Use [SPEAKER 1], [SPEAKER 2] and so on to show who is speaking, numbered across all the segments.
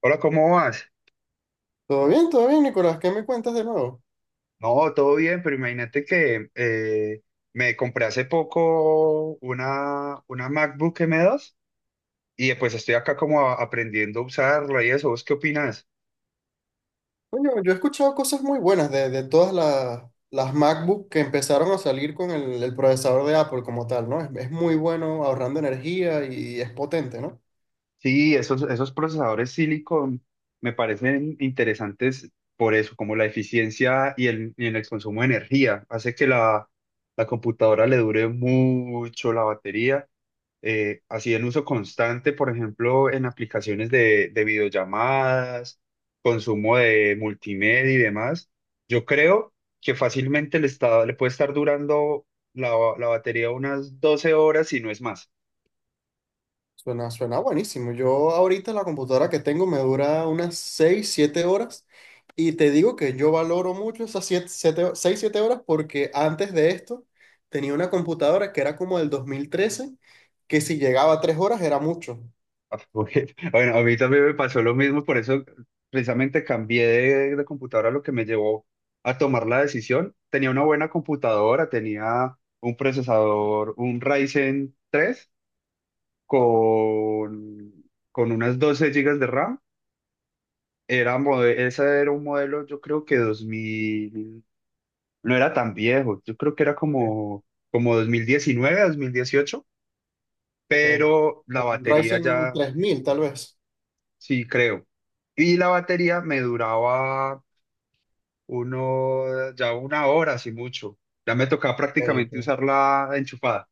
[SPEAKER 1] Hola, ¿cómo vas?
[SPEAKER 2] Todo bien, Nicolás. ¿Qué me cuentas de nuevo?
[SPEAKER 1] No, todo bien, pero imagínate que me compré hace poco una MacBook M2 y pues estoy acá como aprendiendo a usarla y eso. ¿Vos qué opinas?
[SPEAKER 2] Coño, yo he escuchado cosas muy buenas de todas las MacBook que empezaron a salir con el procesador de Apple como tal, ¿no? Es muy bueno ahorrando energía y es potente, ¿no?
[SPEAKER 1] Sí, esos procesadores Silicon me parecen interesantes por eso, como la eficiencia y el consumo de energía. Hace que la computadora le dure mucho la batería, así en uso constante, por ejemplo, en aplicaciones de videollamadas, consumo de multimedia y demás. Yo creo que fácilmente le puede estar durando la, la batería unas 12 horas y no es más.
[SPEAKER 2] Suena buenísimo. Yo ahorita la computadora que tengo me dura unas 6 7 horas, y te digo que yo valoro mucho esas siete seis siete horas, porque antes de esto tenía una computadora que era como del dos mil trece, que si llegaba a 3 horas era mucho.
[SPEAKER 1] Ah, Bueno, a mí también me pasó lo mismo, por eso precisamente cambié de computadora, lo que me llevó a tomar la decisión. Tenía una buena computadora, tenía un procesador, un Ryzen 3, con, con unas 12 gigas de RAM. Ese era un modelo, yo creo que 2000 no era tan viejo, yo creo que era como, como 2019, 2018,
[SPEAKER 2] Ok.
[SPEAKER 1] pero la
[SPEAKER 2] Un
[SPEAKER 1] batería
[SPEAKER 2] Ryzen
[SPEAKER 1] ya,
[SPEAKER 2] 3000 tal vez.
[SPEAKER 1] sí creo. Y la batería me duraba uno, ya una hora, así mucho. Ya me tocaba
[SPEAKER 2] Ok,
[SPEAKER 1] prácticamente
[SPEAKER 2] ok.
[SPEAKER 1] usarla enchufada.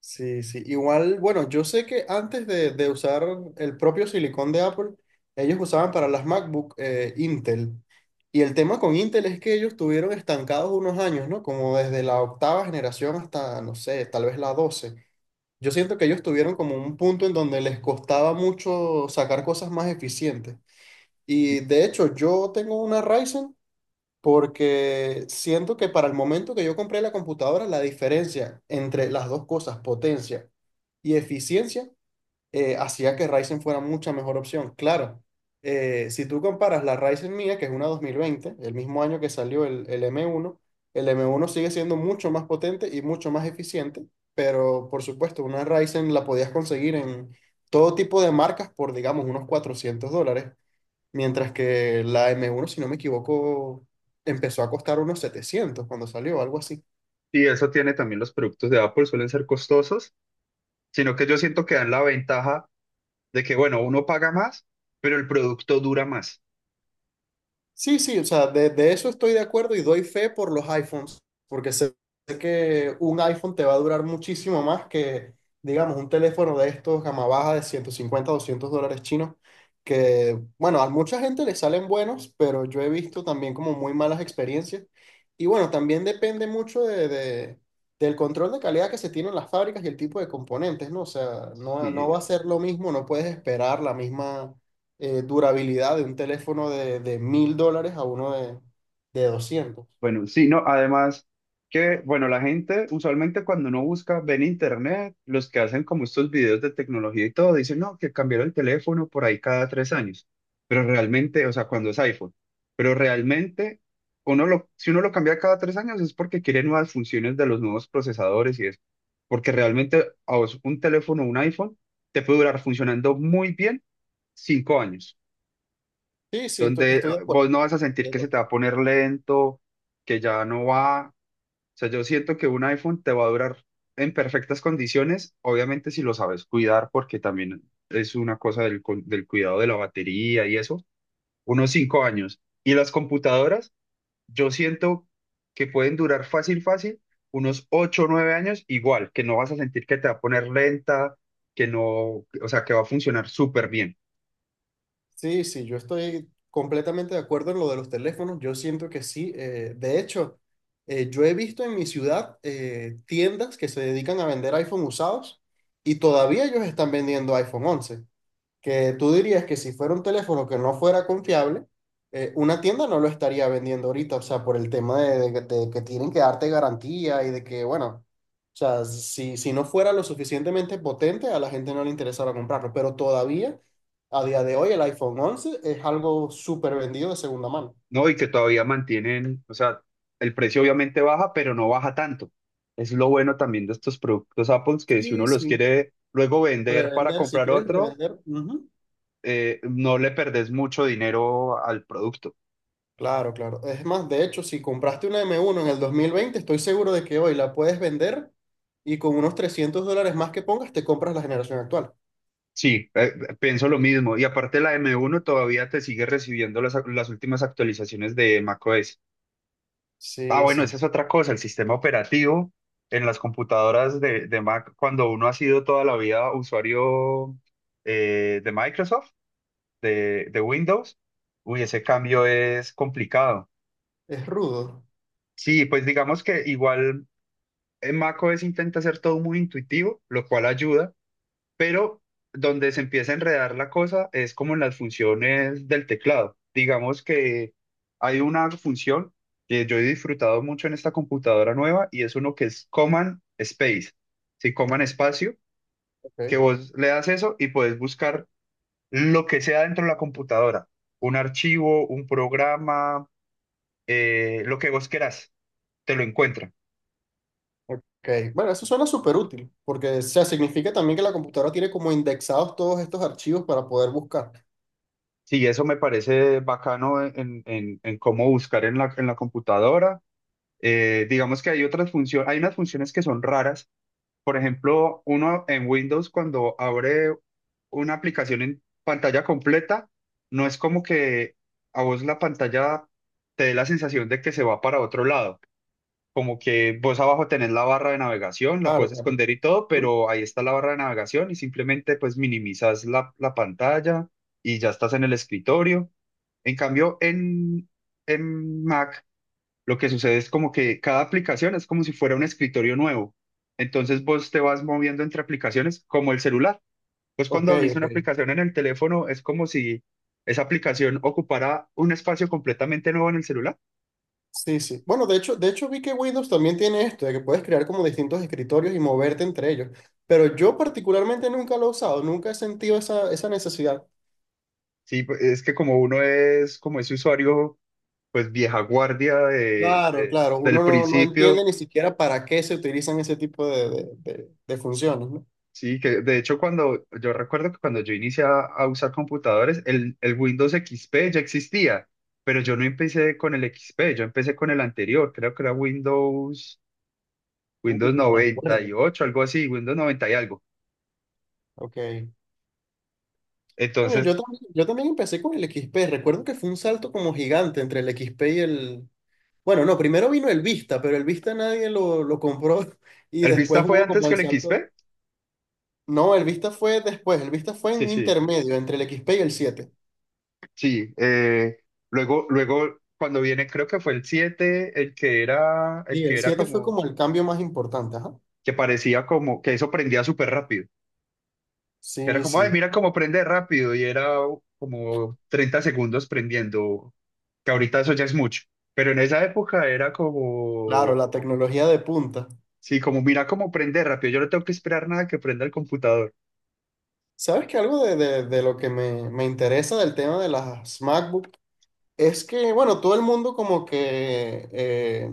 [SPEAKER 2] Sí, sí. Igual, bueno, yo sé que antes de usar el propio silicón de Apple, ellos usaban para las MacBook Intel. Y el tema con Intel es que ellos estuvieron estancados unos años, ¿no? Como desde la octava generación hasta, no sé, tal vez la 12. Yo siento que ellos tuvieron como un punto en donde les costaba mucho sacar cosas más eficientes.
[SPEAKER 1] Y
[SPEAKER 2] Y de hecho, yo tengo una Ryzen, porque siento que para el momento que yo compré la computadora, la diferencia entre las dos cosas, potencia y eficiencia, hacía que Ryzen fuera mucha mejor opción. Claro, si tú comparas la Ryzen mía, que es una 2020, el mismo año que salió el M1, el M1 sigue siendo mucho más potente y mucho más eficiente, pero por supuesto, una Ryzen la podías conseguir en todo tipo de marcas por, digamos, unos $400. Mientras que la m uno, si no me equivoco, empezó a costar unos 700 cuando salió, algo así.
[SPEAKER 1] y eso tiene también los productos de Apple, suelen ser costosos, sino que yo siento que dan la ventaja de que, bueno, uno paga más, pero el producto dura más.
[SPEAKER 2] Sí, sí, o sea, de eso estoy de acuerdo y doy fe por los iPhones, porque sé que un iPhone te va a durar muchísimo más que, digamos, un teléfono de estos gama baja de 150, 200 dólares chinos, que, bueno, a mucha gente le salen buenos, pero yo he visto también como muy malas experiencias. Y bueno, también depende mucho del control de calidad que se tiene en las fábricas y el tipo de componentes, ¿no? O sea, no, no
[SPEAKER 1] Sí,
[SPEAKER 2] va a ser lo mismo, no puedes esperar la misma durabilidad de un teléfono de mil dólares a uno de doscientos.
[SPEAKER 1] bueno, sí, no, además que, bueno, la gente usualmente cuando uno busca, ve en internet, los que hacen como estos videos de tecnología y todo, dicen, no, que cambiaron el teléfono por ahí cada 3 años, pero realmente, o sea, cuando es iPhone, pero realmente, si uno lo cambia cada 3 años es porque quiere nuevas funciones de los nuevos procesadores y eso, porque realmente a vos un teléfono, un iPhone, te puede durar funcionando muy bien 5 años,
[SPEAKER 2] Sí, sí, estoy,
[SPEAKER 1] donde
[SPEAKER 2] estoy de acuerdo,
[SPEAKER 1] vos no vas a
[SPEAKER 2] estoy
[SPEAKER 1] sentir
[SPEAKER 2] de
[SPEAKER 1] que se
[SPEAKER 2] acuerdo.
[SPEAKER 1] te va a poner lento, que ya no va. O sea, yo siento que un iPhone te va a durar en perfectas condiciones, obviamente si lo sabes cuidar, porque también es una cosa del cuidado de la batería y eso, unos 5 años. Y las computadoras, yo siento que pueden durar fácil, fácil, unos 8 o 9 años, igual, que no vas a sentir que te va a poner lenta, que no, o sea, que va a funcionar súper bien.
[SPEAKER 2] Sí, sí, yo estoy completamente de acuerdo en lo de los teléfonos. Yo siento que sí. De hecho, yo he visto en mi ciudad tiendas que se dedican a vender iPhone usados, y todavía ellos están vendiendo iPhone once, que tú dirías que si fuera un teléfono que no fuera confiable, una tienda no lo estaría vendiendo ahorita, o sea, por el tema de que tienen que darte garantía y de que, bueno, o sea, si, si no fuera lo suficientemente potente, a la gente no le interesara comprarlo, pero todavía, a día de hoy, el iPhone 11 es algo súper vendido de segunda mano.
[SPEAKER 1] No, y que todavía mantienen, o sea, el precio obviamente baja, pero no baja tanto. Es lo bueno también de estos productos Apple, que si uno
[SPEAKER 2] Sí,
[SPEAKER 1] los
[SPEAKER 2] sí.
[SPEAKER 1] quiere luego vender para
[SPEAKER 2] Revender, si
[SPEAKER 1] comprar
[SPEAKER 2] quieres
[SPEAKER 1] otro,
[SPEAKER 2] revender. Ujú.
[SPEAKER 1] no le perdés mucho dinero al producto.
[SPEAKER 2] Claro, claro. Es más, de hecho, si compraste una m uno en el 2020, estoy seguro de que hoy la puedes vender, y con unos 300 dólares más que pongas, te compras la generación actual.
[SPEAKER 1] Sí, pienso lo mismo. Y aparte la M1 todavía te sigue recibiendo las últimas actualizaciones de macOS. Ah,
[SPEAKER 2] Sí,
[SPEAKER 1] bueno, esa
[SPEAKER 2] sí.
[SPEAKER 1] es otra cosa, el sistema operativo en las computadoras de Mac, cuando uno ha sido toda la vida usuario, de Microsoft, de Windows, uy, ese cambio es complicado.
[SPEAKER 2] Es rudo.
[SPEAKER 1] Sí, pues digamos que igual en macOS intenta hacer todo muy intuitivo, lo cual ayuda, pero donde se empieza a enredar la cosa es como en las funciones del teclado. Digamos que hay una función que yo he disfrutado mucho en esta computadora nueva y es uno que es Command Space, sí, Command Espacio,
[SPEAKER 2] Ok,
[SPEAKER 1] que vos le das eso y puedes buscar lo que sea dentro de la computadora, un archivo, un programa, lo que vos querás, te lo encuentra.
[SPEAKER 2] ok. Bueno, eso suena súper útil, porque o sea, significa también que la computadora tiene como indexados todos estos archivos para poder buscar.
[SPEAKER 1] Sí, eso me parece bacano en cómo buscar en en la computadora. Digamos que hay otras funciones, hay unas funciones que son raras. Por ejemplo, uno en Windows cuando abre una aplicación en pantalla completa, no es como que a vos la pantalla te dé la sensación de que se va para otro lado, como que vos abajo tenés la barra de navegación, la
[SPEAKER 2] Claro,
[SPEAKER 1] puedes
[SPEAKER 2] claro.
[SPEAKER 1] esconder y todo,
[SPEAKER 2] ¿Mm?
[SPEAKER 1] pero ahí está la barra de navegación y simplemente pues minimizas la pantalla y ya estás en el escritorio. En cambio, en Mac lo que sucede es como que cada aplicación es como si fuera un escritorio nuevo. Entonces vos te vas moviendo entre aplicaciones como el celular. Pues
[SPEAKER 2] Ok,
[SPEAKER 1] cuando abrís una
[SPEAKER 2] ok.
[SPEAKER 1] aplicación en el teléfono es como si esa aplicación ocupara un espacio completamente nuevo en el celular.
[SPEAKER 2] Sí, sí. Bueno, de hecho vi que Windows también tiene esto, de que puedes crear como distintos escritorios y moverte entre ellos. Pero yo particularmente nunca lo he usado, nunca he sentido esa, esa necesidad.
[SPEAKER 1] Sí, pues, es que como uno es, como es usuario pues vieja guardia
[SPEAKER 2] Claro, claro,
[SPEAKER 1] del
[SPEAKER 2] uno no, no entiende
[SPEAKER 1] principio,
[SPEAKER 2] ni siquiera para qué se utilizan ese tipo de funciones, ¿no?
[SPEAKER 1] sí, que de hecho cuando, yo recuerdo que cuando yo inicié a usar computadores, el Windows XP ya existía, pero yo no empecé con el XP, yo empecé con el anterior, creo que era Windows,
[SPEAKER 2] Uy,
[SPEAKER 1] Windows
[SPEAKER 2] me
[SPEAKER 1] noventa y
[SPEAKER 2] acuerdo.
[SPEAKER 1] ocho algo así, Windows 90 y algo.
[SPEAKER 2] Ok. Coño,
[SPEAKER 1] Entonces,
[SPEAKER 2] yo también empecé con el XP. Recuerdo que fue un salto como gigante entre el XP y el... Bueno, no, primero vino el Vista, pero el Vista nadie lo compró y
[SPEAKER 1] ¿el Vista
[SPEAKER 2] después
[SPEAKER 1] fue
[SPEAKER 2] hubo
[SPEAKER 1] antes
[SPEAKER 2] como
[SPEAKER 1] que
[SPEAKER 2] el
[SPEAKER 1] el
[SPEAKER 2] salto.
[SPEAKER 1] XP?
[SPEAKER 2] No, el Vista fue después, el Vista fue
[SPEAKER 1] Sí,
[SPEAKER 2] en
[SPEAKER 1] sí,
[SPEAKER 2] intermedio entre el X XP y el siete.
[SPEAKER 1] sí. Luego, cuando viene, creo que fue el siete el
[SPEAKER 2] Y el
[SPEAKER 1] que era
[SPEAKER 2] 7 fue
[SPEAKER 1] como,
[SPEAKER 2] como el cambio más importante, ajá.
[SPEAKER 1] que parecía como, que eso prendía súper rápido. Que era
[SPEAKER 2] Sí,
[SPEAKER 1] como, ay,
[SPEAKER 2] sí,
[SPEAKER 1] mira cómo prende rápido, y era como 30 segundos prendiendo, que ahorita eso ya es mucho, pero en esa época era
[SPEAKER 2] claro,
[SPEAKER 1] como,
[SPEAKER 2] la tecnología de punta.
[SPEAKER 1] sí, como mira cómo prende rápido, yo no tengo que esperar nada que prenda el computador.
[SPEAKER 2] ¿Sabes que algo de lo que me interesa del tema de las MacBook? Es que, bueno, todo el mundo como que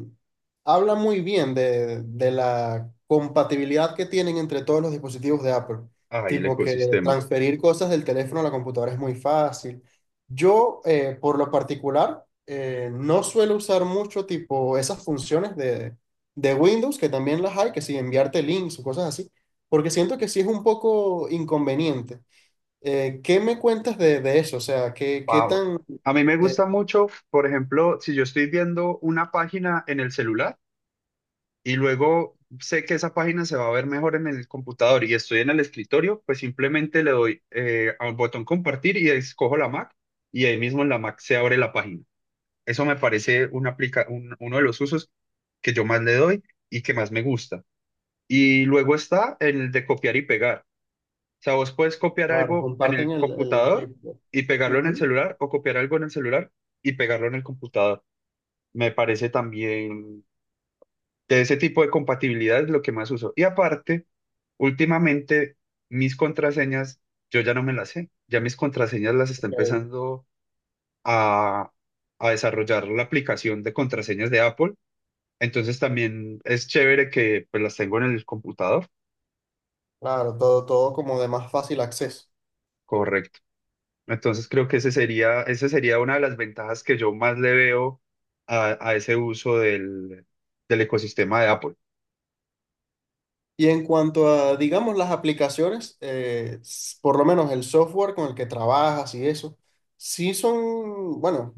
[SPEAKER 2] habla muy bien de la compatibilidad que tienen entre todos los dispositivos de Apple.
[SPEAKER 1] Ay, el
[SPEAKER 2] Tipo que
[SPEAKER 1] ecosistema.
[SPEAKER 2] transferir cosas del teléfono a la computadora es muy fácil. Yo, por lo particular, no suelo usar mucho tipo esas funciones de Windows, que también las hay, que si enviarte links o cosas así, porque siento que sí es un poco inconveniente. ¿Qué me cuentas de eso? O sea, ¿qué, qué
[SPEAKER 1] Wow.
[SPEAKER 2] tan...
[SPEAKER 1] A mí me
[SPEAKER 2] eh,
[SPEAKER 1] gusta mucho, por ejemplo, si yo estoy viendo una página en el celular, y luego sé que esa página se va a ver mejor en el computador y estoy en el escritorio, pues simplemente le doy, al botón compartir y escojo la Mac, y ahí mismo en la Mac se abre la página. Eso me parece uno de los usos que yo más le doy y que más me gusta. Y luego está el de copiar y pegar. O sea, vos puedes copiar
[SPEAKER 2] Claro,
[SPEAKER 1] algo en
[SPEAKER 2] comparten
[SPEAKER 1] el
[SPEAKER 2] el
[SPEAKER 1] computador
[SPEAKER 2] clip, ¿no?
[SPEAKER 1] y pegarlo en el
[SPEAKER 2] Ujú,
[SPEAKER 1] celular, o copiar algo en el celular y pegarlo en el computador. Me parece también de ese tipo de compatibilidad es lo que más uso. Y aparte, últimamente mis contraseñas, yo ya no me las sé. Ya mis contraseñas las está
[SPEAKER 2] ok.
[SPEAKER 1] empezando a, a desarrollar la aplicación de contraseñas de Apple. Entonces también es chévere que pues las tengo en el computador.
[SPEAKER 2] Claro, todo, todo como de más fácil acceso.
[SPEAKER 1] Correcto. Entonces creo que ese sería, esa sería una de las ventajas que yo más le veo a ese uso del ecosistema de Apple.
[SPEAKER 2] Y en cuanto a, digamos, las aplicaciones, por lo menos el software con el que trabajas y eso, sí son, bueno,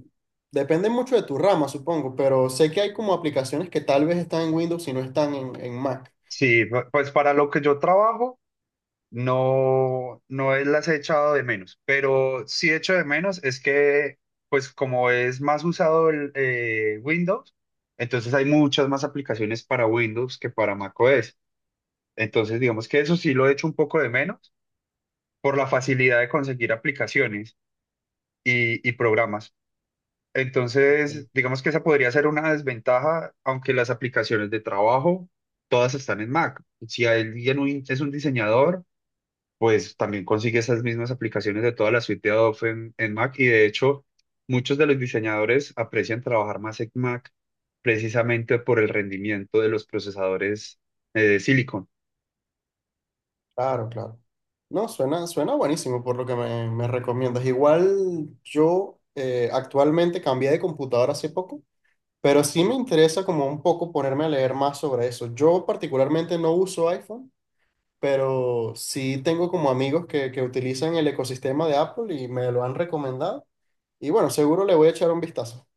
[SPEAKER 2] depende mucho de tu rama, supongo, pero sé que hay como aplicaciones que tal vez están en Windows y no están en Mac.
[SPEAKER 1] Sí, pues para lo que yo trabajo, no, las he echado de menos, pero sí echo de menos es que, pues como es más usado el Windows, entonces hay muchas más aplicaciones para Windows que para macOS. Entonces, digamos que eso sí lo echo un poco de menos por la facilidad de conseguir aplicaciones y programas. Entonces, digamos que esa podría ser una desventaja, aunque las aplicaciones de trabajo todas están en Mac. Si alguien es un diseñador, pues también consigue esas mismas aplicaciones de toda la suite de Adobe en Mac, y de hecho muchos de los diseñadores aprecian trabajar más en Mac precisamente por el rendimiento de los procesadores, de silicon.
[SPEAKER 2] Claro, claro. No, suena, suena buenísimo por lo que me recomiendas. Igual yo actualmente cambié de computadora hace poco. Pero sí me interesa como un poco ponerme a leer más sobre eso. Yo particularmente no uso iPhone, pero sí tengo como amigos que utilizan el ecosistema de Apple y me lo han recomendado. Y bueno, seguro le voy a echar un vistazo.